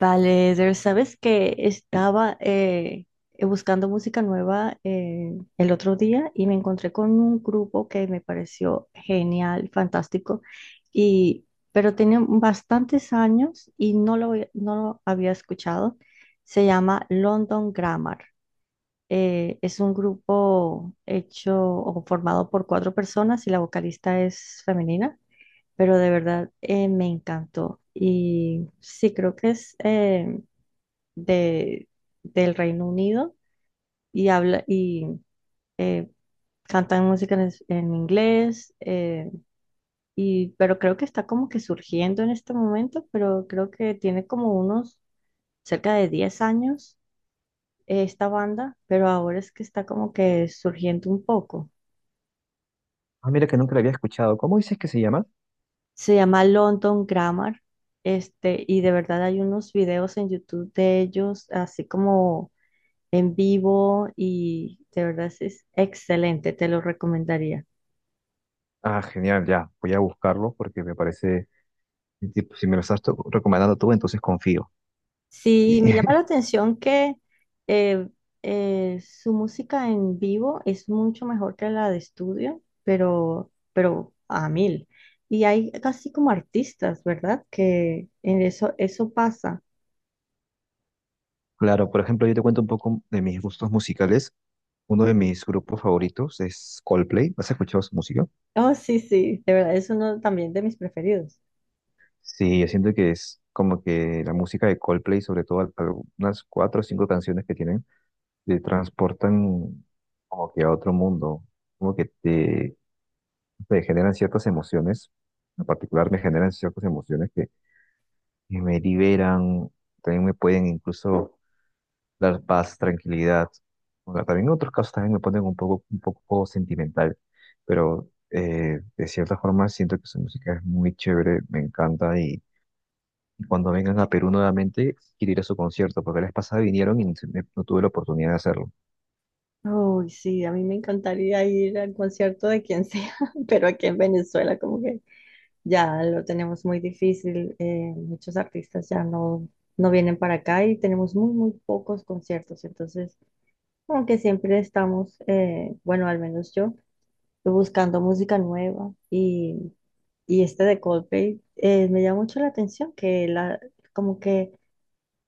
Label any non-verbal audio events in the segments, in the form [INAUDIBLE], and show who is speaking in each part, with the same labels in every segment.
Speaker 1: Vale, Eder, sabes que estaba buscando música nueva, el otro día y me encontré con un grupo que me pareció genial, fantástico, y, pero tiene bastantes años y no lo había escuchado. Se llama London Grammar. Es un grupo hecho o formado por cuatro personas y la vocalista es femenina, pero de verdad, me encantó. Y sí, creo que es... de, del Reino Unido y eh, cantan música en inglés, y, pero creo que está como que surgiendo en este momento, pero creo que tiene como unos cerca de 10 años, esta banda, pero ahora es que está como que surgiendo un poco.
Speaker 2: Ah, mira que nunca la había escuchado. ¿Cómo dices que se llama?
Speaker 1: Se llama London Grammar, este, y de verdad hay unos videos en YouTube de ellos, así como en vivo, y de verdad es excelente, te lo recomendaría.
Speaker 2: Ah, genial, ya. Voy a buscarlo porque me parece, tipo, si me lo estás recomendando tú, entonces confío.
Speaker 1: Sí,
Speaker 2: Y,
Speaker 1: me llama la
Speaker 2: [LAUGHS]
Speaker 1: atención que eh, su música en vivo es mucho mejor que la de estudio, pero a mil. Y hay casi como artistas, ¿verdad? Que en eso pasa.
Speaker 2: claro, por ejemplo, yo te cuento un poco de mis gustos musicales. Uno de mis grupos favoritos es Coldplay. ¿Has escuchado su música?
Speaker 1: Oh, sí, sí, de verdad, es uno también de mis preferidos.
Speaker 2: Sí, yo siento que es como que la música de Coldplay, sobre todo algunas cuatro o cinco canciones que tienen, te transportan como que a otro mundo, como que te generan ciertas emociones. En particular me generan ciertas emociones que me liberan, también me pueden incluso dar paz, tranquilidad. O también en otros casos también me ponen un poco sentimental, pero de cierta forma siento que su música es muy chévere, me encanta y cuando vengan a Perú nuevamente quiero ir a su concierto, porque la vez pasada vinieron y no no tuve la oportunidad de hacerlo.
Speaker 1: Oh, sí, a mí me encantaría ir al concierto de quien sea, [LAUGHS] pero aquí en Venezuela, como que ya lo tenemos muy difícil. Muchos artistas ya no vienen para acá y tenemos muy, muy pocos conciertos. Entonces, aunque siempre estamos, bueno, al menos yo, buscando música nueva y este de Coldplay, me llama mucho la atención como que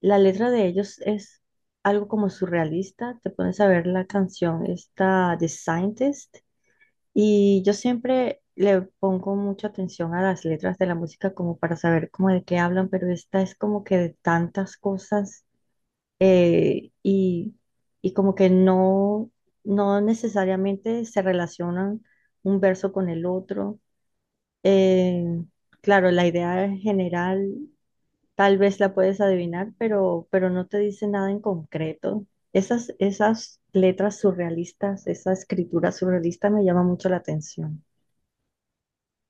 Speaker 1: la letra de ellos es algo como surrealista. Te pones a ver la canción, esta The Scientist. Y yo siempre le pongo mucha atención a las letras de la música como para saber cómo de qué hablan, pero esta es como que de tantas cosas, eh, y, y como que no necesariamente se relacionan un verso con el otro. Eh, claro, la idea general tal vez la puedes adivinar, pero no te dice nada en concreto. Esas letras surrealistas, esa escritura surrealista me llama mucho la atención.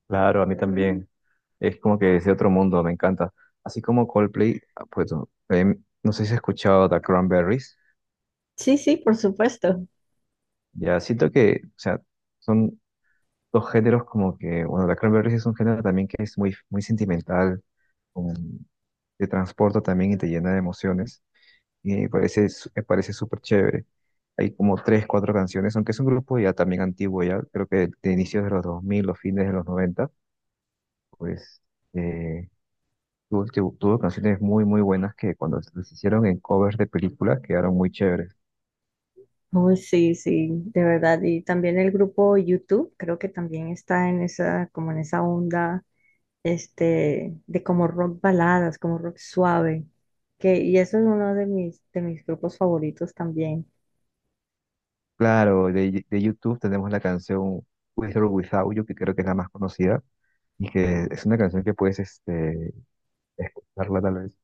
Speaker 2: Claro, a mí también, es como que es de otro mundo, me encanta. Así como Coldplay, ah, pues no no sé si has escuchado The Cranberries,
Speaker 1: Sí, sí, por supuesto.
Speaker 2: ya siento que, o sea, son dos géneros como que, bueno, la Cranberries es un género también que es muy, muy sentimental, um, te transporta también y te llena de emociones, y me parece, me parece súper chévere. Hay como tres, cuatro canciones, aunque es un grupo ya también antiguo, ya creo que de inicios de los 2000 los fines de los 90 pues eh, tuvo canciones muy, muy buenas que cuando las hicieron en covers de películas quedaron muy chéveres.
Speaker 1: Uy, sí, sí, de verdad. Y también el grupo YouTube, creo que también está en esa, como en esa onda, este, de como rock baladas, como rock suave. Que, y eso es uno de de mis grupos favoritos también.
Speaker 2: Claro, de YouTube tenemos la canción With or Without You, que creo que es la más conocida y que es una canción que puedes este, escucharla tal vez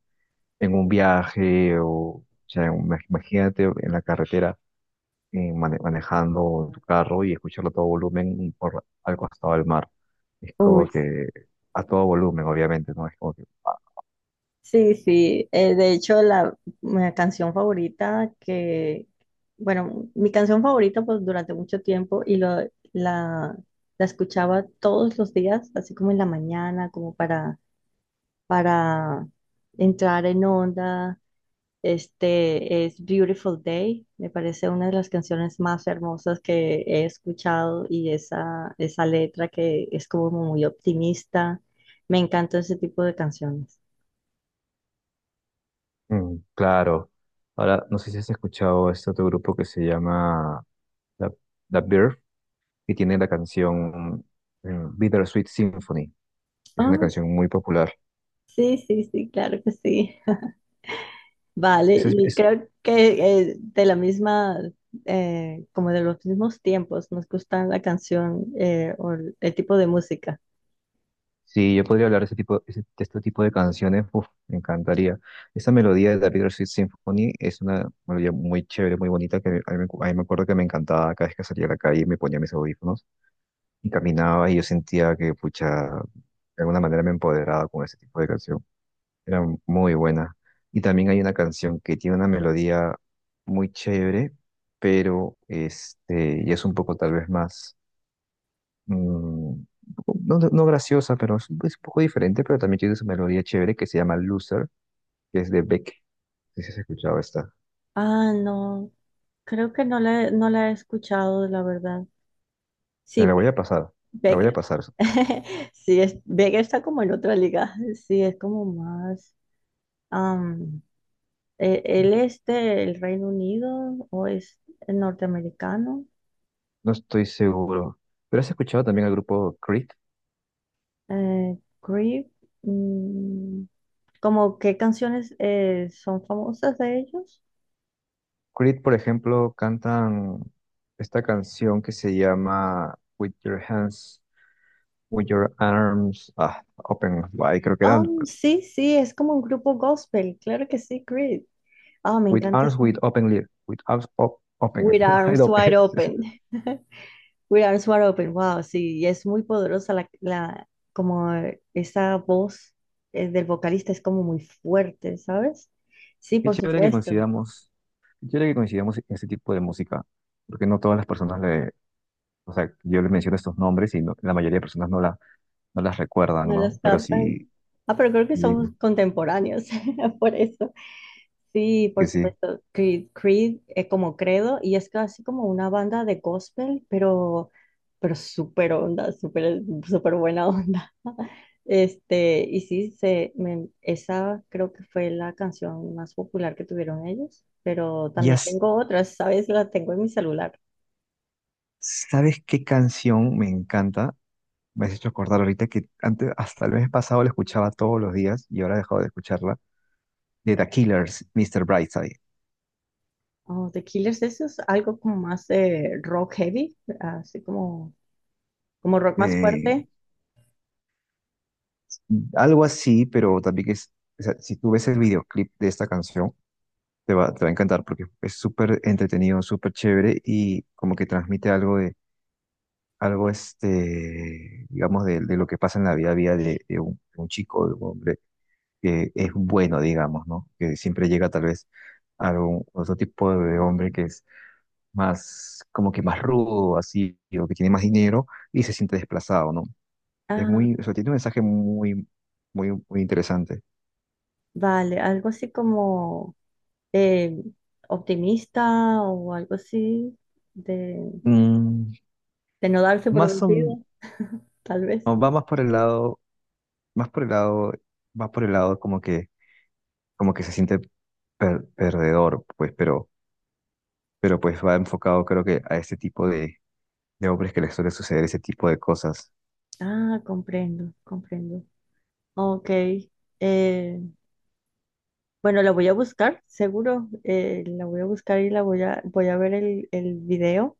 Speaker 2: en un viaje o sea, imagínate en la carretera manejando tu carro y escucharlo a todo volumen y por al costado del mar. Es como
Speaker 1: Uy,
Speaker 2: que a todo volumen, obviamente, ¿no? Es como que, ah,
Speaker 1: sí, sí. De hecho, mi canción favorita que, bueno, mi canción favorita pues durante mucho tiempo la, la escuchaba todos los días, así como en la mañana, como para para entrar en onda. Este es Beautiful Day, me parece una de las canciones más hermosas que he escuchado y esa letra que es como muy optimista. Me encanta ese tipo de canciones.
Speaker 2: mm, claro. Ahora, no sé si has escuchado este otro grupo que se llama The, The Birth, que tiene la canción eh, Bittersweet Symphony. Es una
Speaker 1: Ah,
Speaker 2: canción muy popular.
Speaker 1: sí, sí, sí, claro que sí. [LAUGHS] Vale, y creo que, como de los mismos tiempos, nos gusta la canción, o el tipo de música.
Speaker 2: Sí, yo podría hablar de, este tipo, de este tipo de canciones, uf, me encantaría. Esta melodía de David Sweet Symphony es una melodía muy chévere, muy bonita, que a mí me acuerdo que me encantaba cada vez que salía a la calle, me ponía mis audífonos y caminaba y yo sentía que, pucha, de alguna manera me empoderaba con ese tipo de canción. Era muy buena. Y también hay una canción que tiene una melodía muy chévere, pero este, y es un poco tal vez más mm, no, no graciosa, pero es un poco diferente, pero también tiene su melodía chévere que se llama Loser, que es de Beck. No sé si has escuchado esta.
Speaker 1: Ah, no, creo que no la he escuchado, la verdad.
Speaker 2: Te
Speaker 1: Sí,
Speaker 2: la voy a pasar, te la voy a
Speaker 1: Becker.
Speaker 2: pasar.
Speaker 1: [LAUGHS] Sí, es, Becker está como en otra liga. Sí, es como más. am, Él es del Reino Unido o es norteamericano.
Speaker 2: No estoy seguro. ¿Pero has escuchado también al grupo Creed?
Speaker 1: Creep. Mm, como qué canciones, son famosas de ellos.
Speaker 2: Creed, por ejemplo, cantan esta canción que se llama With Your Hands, With Your Arms, ah, Open, ay, creo que eran
Speaker 1: Um, sí, sí, es como un grupo gospel, claro que sí, Creed. Ah, me
Speaker 2: With
Speaker 1: encanta
Speaker 2: Arms,
Speaker 1: esa.
Speaker 2: With Open Lead, With Arms Open,
Speaker 1: With
Speaker 2: [LAUGHS] Wide
Speaker 1: Arms Wide
Speaker 2: Open. [LAUGHS]
Speaker 1: Open. We Are Smart Open, wow, sí, y es muy poderosa como, esa voz, del vocalista es como muy fuerte, ¿sabes? Sí,
Speaker 2: Qué
Speaker 1: por
Speaker 2: chévere que
Speaker 1: supuesto,
Speaker 2: coincidamos, qué chévere que coincidamos en este tipo de música, porque no todas las personas le, o sea, yo le menciono estos nombres y la mayoría de personas no, la, no las recuerdan,
Speaker 1: no las
Speaker 2: ¿no? Pero
Speaker 1: captan.
Speaker 2: sí,
Speaker 1: Ah, pero creo que
Speaker 2: sí,
Speaker 1: somos contemporáneos, [LAUGHS] por eso. Sí, por
Speaker 2: que sí.
Speaker 1: supuesto. Creed, Creed es como credo y es casi como una banda de gospel, pero súper onda, súper, súper buena onda. [LAUGHS] Este, y sí, esa creo que fue la canción más popular que tuvieron ellos, pero
Speaker 2: Ya
Speaker 1: también tengo otras, ¿sabes? La tengo en mi celular.
Speaker 2: sabes qué canción me encanta, me has hecho acordar ahorita que antes, hasta el mes pasado la escuchaba todos los días y ahora he dejado de escucharla, de The Killers, Mr. Brightside.
Speaker 1: Oh, The Killers, eso es algo como más, rock heavy, así como, como rock más
Speaker 2: Eh,
Speaker 1: fuerte.
Speaker 2: algo así, pero también es, o sea, si tú ves el videoclip de esta canción, te va, te va a encantar porque es súper entretenido, súper chévere y como que transmite algo de, algo este, digamos, de lo que pasa en la vida, vida de un chico, de un hombre que es bueno, digamos, ¿no? Que siempre llega tal vez a algún otro tipo de hombre que es más, como que más rudo, así, o que tiene más dinero y se siente desplazado, ¿no? Es
Speaker 1: Ah,
Speaker 2: muy, o sea, tiene un mensaje muy, muy, muy interesante.
Speaker 1: vale, algo así como... eh, optimista o algo así, de,
Speaker 2: Mm,
Speaker 1: de no darse por
Speaker 2: más o-
Speaker 1: vencido, [LAUGHS] tal vez.
Speaker 2: no, va más por el lado más por el lado, va por el lado como que se siente perdedor, pues, pero pues va enfocado creo que a este tipo de hombres que les suele suceder ese tipo de cosas.
Speaker 1: Ah, comprendo, comprendo. Ok. eh, bueno, la voy a buscar, seguro. La voy a buscar y la voy a, voy a ver el video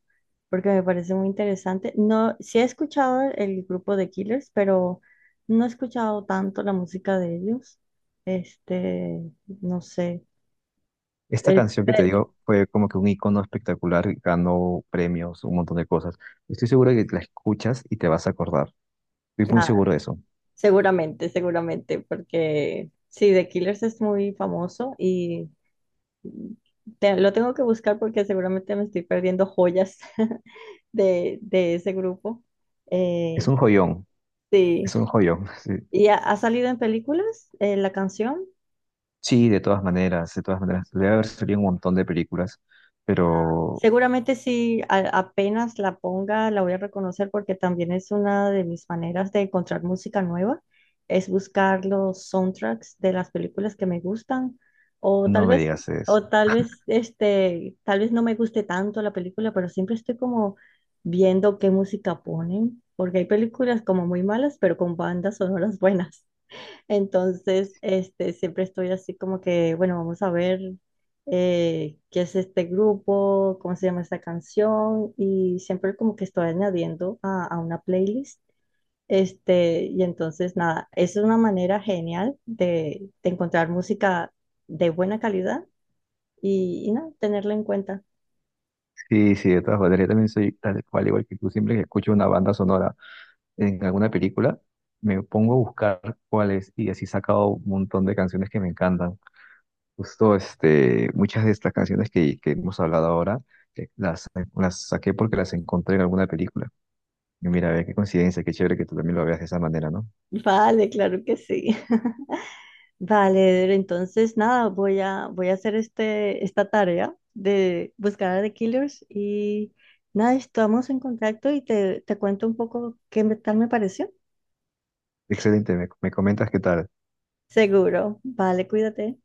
Speaker 1: porque me parece muy interesante. No, sí he escuchado el grupo de Killers, pero no he escuchado tanto la música de ellos. Este, no sé.
Speaker 2: Esta
Speaker 1: Es
Speaker 2: canción que te digo fue como que un icono espectacular, ganó premios, un montón de cosas. Estoy seguro que la escuchas y te vas a acordar. Estoy muy seguro de eso.
Speaker 1: Seguramente, seguramente, porque sí, The Killers es muy famoso y lo tengo que buscar porque seguramente me estoy perdiendo joyas [LAUGHS] de ese grupo.
Speaker 2: Es un
Speaker 1: Eh,
Speaker 2: joyón, es
Speaker 1: sí,
Speaker 2: un joyón. [LAUGHS] Sí,
Speaker 1: ¿Y ha, ha salido en películas, la canción?
Speaker 2: sí, de todas maneras, de todas maneras. Debe haber salido un montón de películas,
Speaker 1: Ah,
Speaker 2: pero
Speaker 1: seguramente si apenas la ponga, la voy a reconocer porque también es una de mis maneras de encontrar música nueva, es buscar los soundtracks de las películas que me gustan o tal
Speaker 2: no me
Speaker 1: vez
Speaker 2: digas eso.
Speaker 1: tal vez no me guste tanto la película, pero siempre estoy como viendo qué música ponen, porque hay películas como muy malas, pero con bandas sonoras buenas. Entonces, este, siempre estoy así como que, bueno, vamos a ver, qué es este grupo, cómo se llama esta canción, y siempre como que estoy añadiendo a una playlist. Este, y entonces, nada, es una manera genial de encontrar música de buena calidad y nada, tenerla en cuenta.
Speaker 2: Sí, sí, de todas maneras, yo también soy tal cual, igual que tú, siempre que escucho una banda sonora en alguna película, me pongo a buscar cuál es, y así he sacado un montón de canciones que me encantan. Justo, este, muchas de estas canciones que hemos hablado ahora, eh, las, las saqué porque las encontré en alguna película. Y mira, ve, qué coincidencia, qué chévere que tú también lo veas de esa manera, ¿no?
Speaker 1: [LAUGHS] Vale, claro que sí. [LAUGHS] Vale, entonces nada, voy a hacer este, esta tarea de buscar a The Killers y nada, estamos en contacto y te cuento un poco tal me pareció.
Speaker 2: Excelente, me comentas qué tal.
Speaker 1: Seguro. Vale, cuídate.